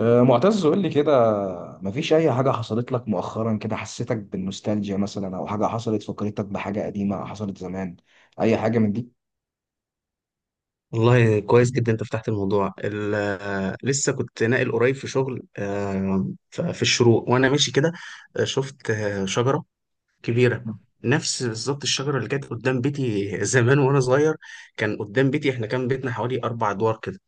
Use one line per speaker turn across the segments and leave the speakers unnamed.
معتز قول لي كده. مفيش أي حاجة حصلت لك مؤخرا كده حسيتك بالنوستالجيا مثلا أو حاجة حصلت فكرتك بحاجة قديمة حصلت زمان؟ أي حاجة من دي؟
والله كويس جدا، انت فتحت الموضوع لسه كنت ناقل قريب في شغل، في الشروق وانا ماشي كده. شفت شجره كبيره، نفس بالظبط الشجره اللي كانت قدام بيتي زمان وانا صغير. كان قدام بيتي، احنا كان بيتنا حوالي 4 ادوار كده،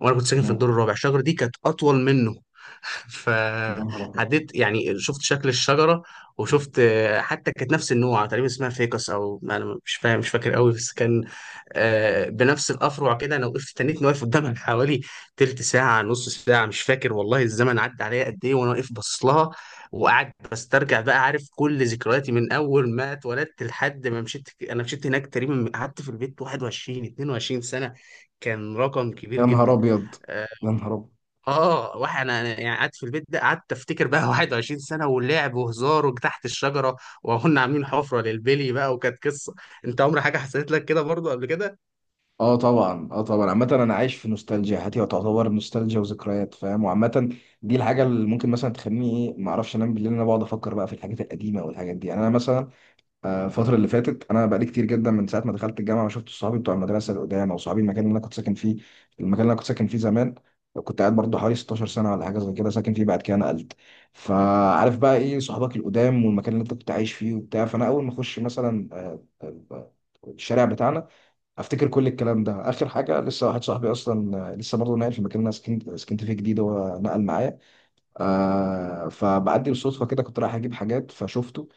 وانا كنت ساكن في الدور
مم.
الرابع. الشجره دي كانت اطول منه.
يا نهار أبيض.
فعديت، يعني شفت شكل الشجره. وشفت حتى كانت نفس النوع تقريبا، اسمها فيكس او ما انا مش فاهم مش فاكر قوي، بس كان بنفس الافرع كده. انا وقفت، تنيت واقف قدامها حوالي تلت ساعه، نص ساعه، مش فاكر. والله الزمن عدى عليا قد ايه وانا واقف باصص لها. وقعد بسترجع بقى، عارف، كل ذكرياتي من اول ما اتولدت لحد ما مشيت. انا مشيت هناك تقريبا. قعدت في البيت 21 22 سنه، كان رقم كبير
يا نهار
جدا.
أبيض. يا نهار أبيض.
اه واحد انا يعني قعدت في البيت ده، قعدت افتكر بقى 21 سنه، ولعب وهزار وتحت الشجره، وكنا عاملين حفره للبلي بقى، وكانت قصه. انت عمر حاجه حصلت لك كده برضو قبل كده؟
اه طبعا عامة انا عايش في نوستالجيا، حياتي تعتبر نوستالجيا وذكريات، فاهم؟ وعامة دي الحاجة اللي ممكن مثلا تخليني ايه، ما اعرفش انام بالليل، إن انا بقعد افكر بقى في الحاجات القديمة والحاجات دي. يعني انا مثلا الفترة اللي فاتت أنا بقالي كتير جدا من ساعة ما دخلت الجامعة ما شفت صحابي بتوع المدرسة اللي قدام، أو صحابي المكان اللي أنا كنت ساكن فيه، المكان اللي أنا كنت ساكن فيه زمان. كنت قاعد برضه حوالي 16 سنة ولا حاجة زي كده ساكن فيه، بعد كده نقلت. فعارف بقى إيه صحابك القدام والمكان اللي أنت كنت عايش فيه وبتاع. فأنا أول ما أخش مثلا الشارع بتاعنا أفتكر كل الكلام ده. آخر حاجة لسه واحد صاحبي أصلا لسه برضه ناقل في المكان اللي أنا سكنت فيه جديد، هو نقل معايا. آه، فبعدي بالصدفة كده كنت رايح أجيب حاجات فشفته.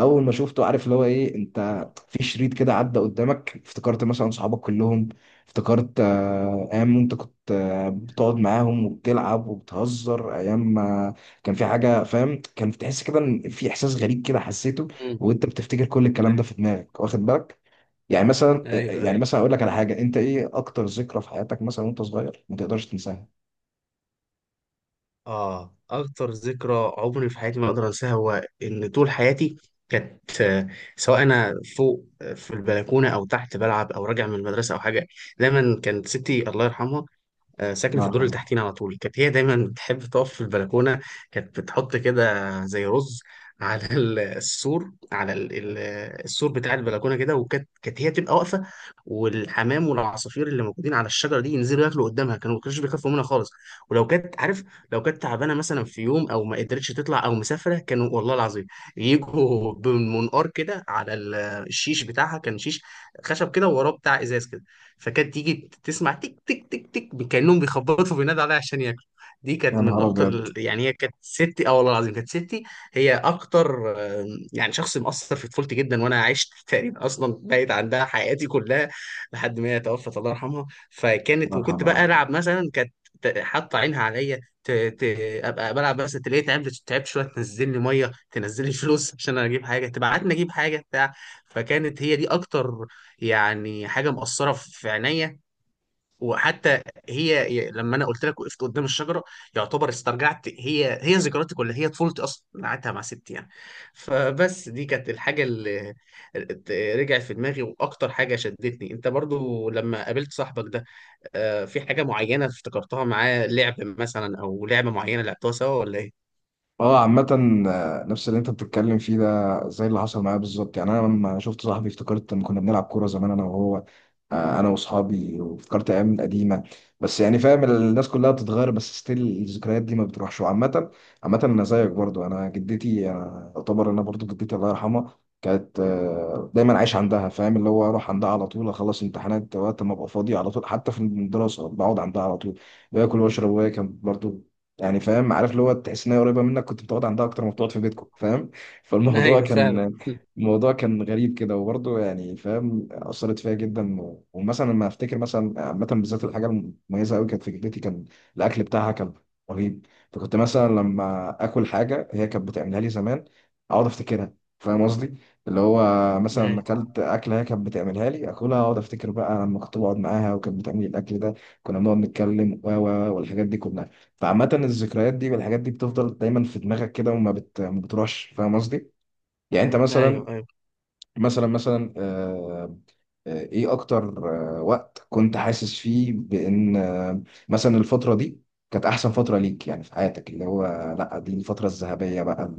اول ما شفته، عارف اللي هو ايه، انت في شريط كده عدى قدامك، افتكرت مثلا صحابك كلهم. افتكرت ايام انت كنت بتقعد معاهم وبتلعب وبتهزر. ايام ما كان في حاجه، فاهم؟ كان بتحس كده ان في احساس غريب كده حسيته
امم.
وانت بتفتكر كل الكلام ده في دماغك، واخد بالك؟ يعني مثلا
ايوه،
يعني
ايوه.
مثلا اقول لك على حاجه، انت ايه اكتر ذكرى في حياتك مثلا وانت صغير ما تقدرش تنساها؟
اه، اكتر ذكرى عمري في حياتي ما اقدر انساها، هو ان طول حياتي كانت سواء انا فوق في البلكونه او تحت بلعب او راجع من المدرسه او حاجه، دايما كانت ستي الله يرحمها ساكنه
الله
في الدور اللي
يرحمه.
تحتينا على طول. كانت هي دايما بتحب تقف في البلكونه، كانت بتحط كده زي رز على السور، على السور بتاع البلكونه كده، وكانت هي تبقى واقفه. والحمام والعصافير اللي موجودين على الشجره دي ينزلوا ياكلوا قدامها، ما كانوش بيخافوا منها خالص. ولو كانت عارف لو كانت تعبانه مثلا في يوم، او ما قدرتش تطلع، او مسافره، كانوا والله العظيم يجوا بمنقار كده على الشيش بتاعها. كان شيش خشب كده ووراه بتاع ازاز كده، فكانت تيجي تسمع تك تك تك تك، كأنهم بيخبطوا، بينادوا عليها عشان ياكلوا. دي
يا
كانت من
نهار
اكتر
ابيض.
يعني هي كانت ستي، اه والله العظيم كانت ستي. هي اكتر آم، يعني شخص مؤثر في طفولتي جدا، وانا عشت تقريبا اصلا بعيد عندها حياتي كلها، لحد ما هي توفت الله يرحمها.
الله
وكنت بقى
يرحمه.
العب مثلا، كانت حاطه عينها عليا ابقى بلعب، بس تلاقيها تعبت، تعبت شويه، تنزل لي ميه، تنزل لي فلوس عشان انا اجيب حاجه، تبعتني اجيب حاجه بتاع. فكانت هي دي اكتر يعني حاجه مأثره في عينيا. وحتى لما انا قلت لك وقفت قدام الشجره، يعتبر استرجعت هي ذكرياتي كلها، هي طفولتي اصلا انا قعدتها مع ستي يعني. فبس دي كانت الحاجه اللي رجعت في دماغي، واكتر حاجه شدتني، انت برضو لما قابلت صاحبك ده في حاجه معينه افتكرتها معاه، لعب مثلا، او لعبه معينه لعبتوها سوا، ولا ايه؟
اه عامة، نفس اللي انت بتتكلم فيه ده زي اللي حصل معايا بالظبط. يعني انا لما شفت صاحبي افتكرت ان كنا بنلعب كورة زمان انا وهو، انا واصحابي، وافتكرت ايام قديمه. بس يعني فاهم، الناس كلها بتتغير، بس ستيل الذكريات دي ما بتروحش. وعامه عامه انا زيك برضو، انا جدتي، انا اعتبر انا برضو جدتي الله يرحمها كانت دايما عايش
الله يرحمه.
عندها، فاهم؟ اللي هو اروح عندها على طول، اخلص امتحانات وقت ما ابقى فاضي على طول، حتى في الدراسه بقعد عندها على طول باكل واشرب. وهي كانت برضو يعني فاهم، عارف اللي هو تحس ان هي قريبه منك، كنت بتقعد عندها اكتر ما بتقعد في بيتكم، فاهم؟ فالموضوع
ايوه، فعلا.
كان، الموضوع كان غريب كده. وبرضه يعني فاهم أثرت فيا جدا، ومثلا لما أفتكر مثلا عامة، بالذات الحاجة المميزة أوي كانت في جدتي، كان الأكل بتاعها كان رهيب. فكنت مثلا لما آكل حاجة هي كانت بتعملها لي زمان أقعد أفتكرها. فاهم قصدي؟ اللي هو مثلا
ايوه،
أكلت أكلة هي كانت بتعملها لي، آكلها أقعد أفتكر بقى لما كنت بقعد معاها وكانت بتعمل لي الأكل ده، كنا بنقعد نتكلم و والحاجات دي كلها. فعامة الذكريات دي والحاجات دي بتفضل دايما في دماغك كده وما ما بتروحش. فاهم قصدي؟ يعني انت
ايوه،
مثلا،
ايوه.
مثلا ايه اكتر وقت كنت حاسس فيه بان مثلا الفترة دي كانت احسن فترة ليك يعني في حياتك، اللي هو لا دي الفترة الذهبية بقى،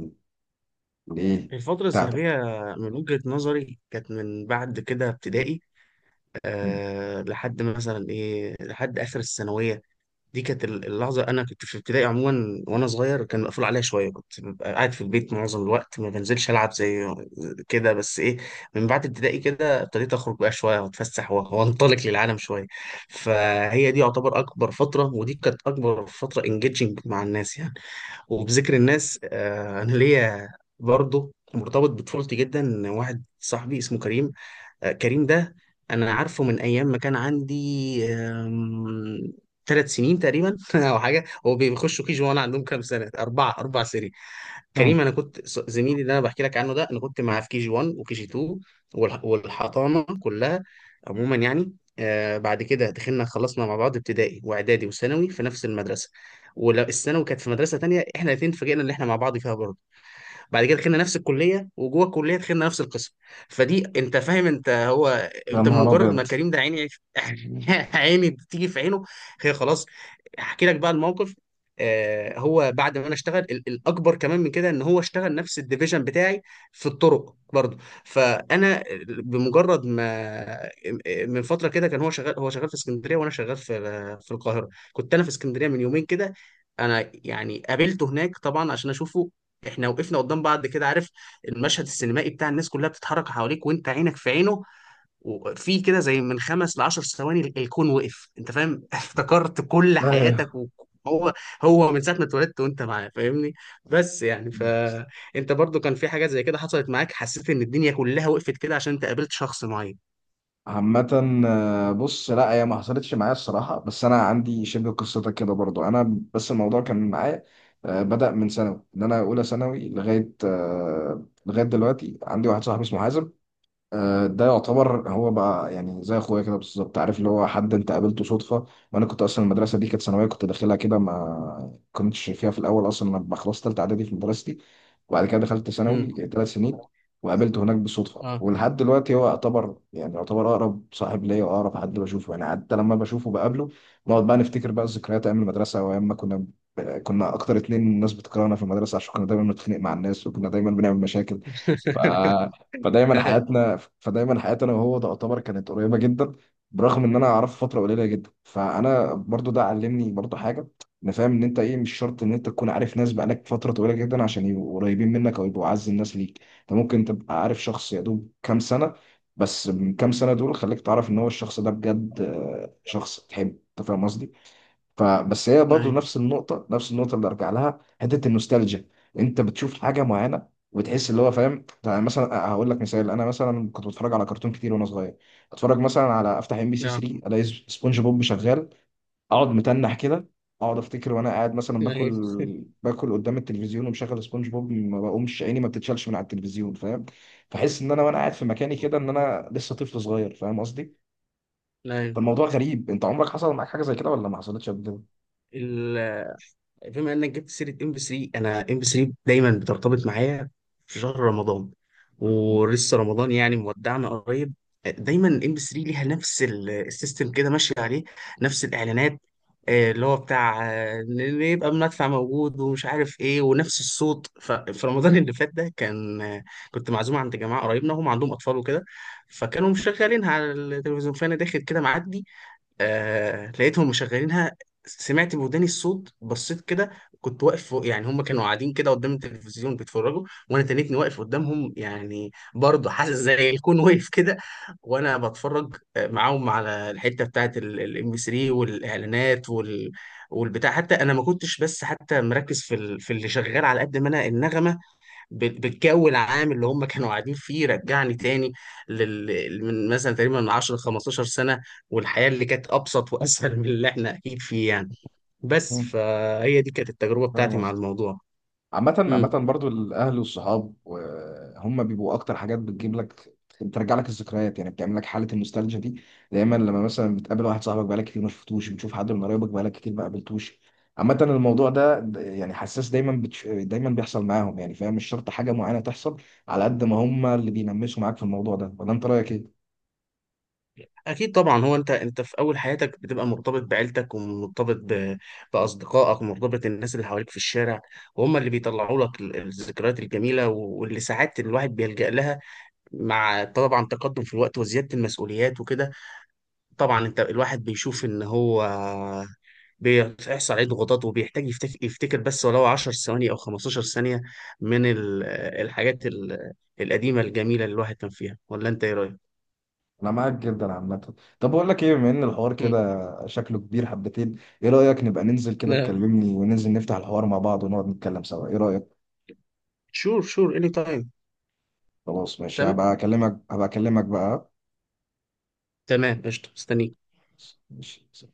اللي ايه
الفترة
بتاعتك.
الذهبية من وجهة نظري كانت من بعد كده ابتدائي، أه لحد مثلا إيه لحد آخر الثانوية. دي كانت اللحظة. أنا كنت في ابتدائي عموما، وأنا صغير كان مقفول عليا شوية، كنت ببقى قاعد في البيت معظم الوقت، ما بنزلش ألعب زي كده، بس إيه، من بعد ابتدائي كده ابتديت أخرج بقى شوية، وأتفسح، وأنطلق للعالم شوية. فهي دي يعتبر أكبر فترة، ودي كانت أكبر فترة انجيجنج مع الناس يعني. وبذكر الناس، انا ليا برضه مرتبط بطفولتي جدا، واحد صاحبي اسمه كريم. كريم ده انا عارفه من ايام ما كان عندي 3 سنين تقريبا او حاجه. هو بيخشوا كيجي وانا عندهم كام سنه؟ 4 سنين.
مم.
كريم، انا كنت زميلي اللي انا بحكي لك عنه ده، انا كنت معاه في كي جي 1 وكي جي 2، والحضانه كلها عموما يعني. بعد كده دخلنا، خلصنا مع بعض ابتدائي واعدادي وثانوي في نفس المدرسه. والثانوي كانت في مدرسه تانية، احنا الاثنين اتفاجئنا ان احنا مع بعض فيها برضه. بعد كده دخلنا نفس الكليه، وجوه الكليه دخلنا نفس القسم. فدي انت فاهم، انت هو
يا
انت
نهار
مجرد ما
ابيض.
كريم ده، عيني عيني بتيجي في عينه، هي خلاص. احكي لك بقى الموقف. هو بعد ما انا اشتغل، الاكبر كمان من كده ان هو اشتغل نفس الديفيجن بتاعي، في الطرق برضه. فانا بمجرد ما، من فتره كده، كان هو شغال في اسكندريه وانا شغال في القاهره. كنت انا في اسكندريه من يومين كده، انا يعني قابلته هناك طبعا عشان اشوفه. احنا وقفنا قدام بعض كده، عارف المشهد السينمائي بتاع الناس كلها بتتحرك حواليك وانت عينك في عينه. وفي كده زي من خمس لعشر ثواني، الكون وقف، انت فاهم؟ افتكرت كل
ايوه
حياتك، وهو من ساعة ما اتولدت وانت معاه، فاهمني. بس يعني، فانت برضو كان في حاجات زي كده حصلت معاك، حسيت ان الدنيا كلها وقفت كده عشان انت قابلت شخص معين؟
عامة، بص لا هي ما حصلتش معايا الصراحة، بس أنا عندي شبه قصتك كده برضو. أنا بس الموضوع كان معايا بدأ من ثانوي، إن أنا أولى ثانوي لغاية لغاية دلوقتي عندي واحد صاحبي اسمه حازم. ده يعتبر هو بقى يعني زي اخويا كده بالظبط، عارف اللي هو حد انت قابلته صدفه. وانا كنت اصلا المدرسه دي كانت ثانويه، كنت داخلها كده، ما كنتش فيها في الاول اصلا. انا لما خلصت ثالثه اعدادي في مدرستي، وبعد كده دخلت
امم.
ثانوي ثلاث سنين، وقابلته هناك بالصدفه.
اه.
ولحد دلوقتي هو يعتبر يعني يعتبر اقرب صاحب ليا واقرب حد بشوفه، يعني حتى لما بشوفه بقابله نقعد بقى نفتكر بقى الذكريات ايام المدرسه وايام ما كنا، كنا اكتر اتنين الناس بتكرهنا في المدرسه عشان كنا دايما بنتخانق مع الناس وكنا دايما بنعمل مشاكل. ف فدايما حياتي انا وهو تعتبر كانت قريبه جدا. برغم ان انا اعرفه فتره قليله جدا، فانا برضو ده علمني برضو حاجه، ان فاهم ان انت ايه مش شرط ان انت تكون عارف ناس بقالك فتره طويله جدا عشان يبقوا قريبين منك او يبقوا اعز الناس ليك. انت ممكن تبقى عارف شخص يا دوب كام سنه، بس من كام سنه دول خليك تعرف ان هو الشخص ده بجد شخص تحبه. انت فاهم قصدي؟ فبس هي برضه
نعم،
نفس النقطة، نفس النقطة اللي أرجع لها حتة النوستالجيا. أنت بتشوف حاجة معينة وبتحس اللي هو فاهم. يعني مثلا أه، هقول لك مثال، أنا مثلا كنت بتفرج على كرتون كتير وأنا صغير. أتفرج مثلا على، أفتح إم بي سي
نعم،
3 ألاقي سبونج بوب شغال، أقعد متنح كده. أقعد أفتكر وأنا قاعد مثلا
نعم،
باكل، باكل قدام التلفزيون ومشغل سبونج بوب، ما بقومش، عيني ما بتتشالش من على التلفزيون، فاهم؟ فأحس إن أنا وأنا قاعد في مكاني كده إن أنا لسه طفل صغير. فاهم قصدي؟
نعم.
فالموضوع غريب. أنت عمرك حصل معاك حاجة زي كده ولا ما حصلتش قبل
ال- بما انك جبت سيره ام بي 3، انا ام بي 3 دايما بترتبط معايا في شهر رمضان، ولسه رمضان يعني مودعنا قريب. دايما ام بي 3 ليها نفس السيستم كده ماشي عليه، نفس الاعلانات. اللي هو بتاع إن يبقى المدفع موجود ومش عارف ايه ونفس الصوت. ففي رمضان اللي فات ده كان آه، كنت معزوم عند جماعه قريبنا، هم عندهم اطفال وكده. فكانوا مشغلينها على التلفزيون، فانا داخل كده معدي، لقيتهم مشغلينها. سمعت بوداني الصوت، بصيت كده. كنت واقف فوق يعني، هم كانوا قاعدين كده قدام التلفزيون بيتفرجوا، وانا تنيتني واقف قدامهم يعني، برضه حاسس زي الكون واقف كده، وانا بتفرج معاهم على الحته بتاعت الام بي 3 والاعلانات والبتاع. حتى انا ما كنتش بس حتى مركز في في اللي شغال، على قد ما انا النغمه، بالجو العام اللي هم كانوا قاعدين فيه، رجعني تاني من مثلا تقريبا من 10 ل 15 سنة، والحياة اللي كانت أبسط وأسهل من اللي احنا أكيد فيه يعني. بس
كده؟
فهي دي كانت التجربة
فاهم
بتاعتي مع
قصدي؟
الموضوع.
عامة عامة
امم.
برضو الأهل والصحاب هم بيبقوا أكتر حاجات بتجيب لك، بترجع لك الذكريات، يعني بتعمل لك حالة النوستالجيا دي. دايما لما مثلا بتقابل واحد صاحبك بقالك كتير ما شفتوش، بتشوف حد من قرايبك بقالك كتير ما قابلتوش. عامة الموضوع ده يعني حساس، دايما دايما بيحصل معاهم. يعني فاهم مش شرط حاجة معينة تحصل، على قد ما هم اللي بينمسوا معاك في الموضوع ده. ولا أنت رأيك إيه؟
أكيد طبعا. هو أنت في أول حياتك بتبقى مرتبط بعيلتك، ومرتبط بأصدقائك ومرتبط الناس اللي حواليك في الشارع، وهم اللي بيطلعوا لك الذكريات الجميلة، واللي ساعات الواحد بيلجأ لها، مع طبعا تقدم في الوقت وزيادة المسؤوليات وكده. طبعا انت الواحد بيشوف ان هو بيحصل عليه ضغوطات، وبيحتاج يفتكر بس ولو 10 ثواني او 15 ثانية من الحاجات القديمة الجميلة اللي الواحد كان فيها، ولا انت ايه رأيك؟
انا معاك جدا عامه. طب اقول لك ايه، بما ان الحوار
مم.
كده شكله كبير حبتين، ايه رايك نبقى ننزل كده
لا،
تكلمني وننزل نفتح الحوار مع بعض ونقعد نتكلم سوا؟ ايه رايك؟
شور شور اني تايم.
خلاص ماشي،
تمام،
هبقى اكلمك بقى.
تمام، قشطة، مستنيك.
ماشي.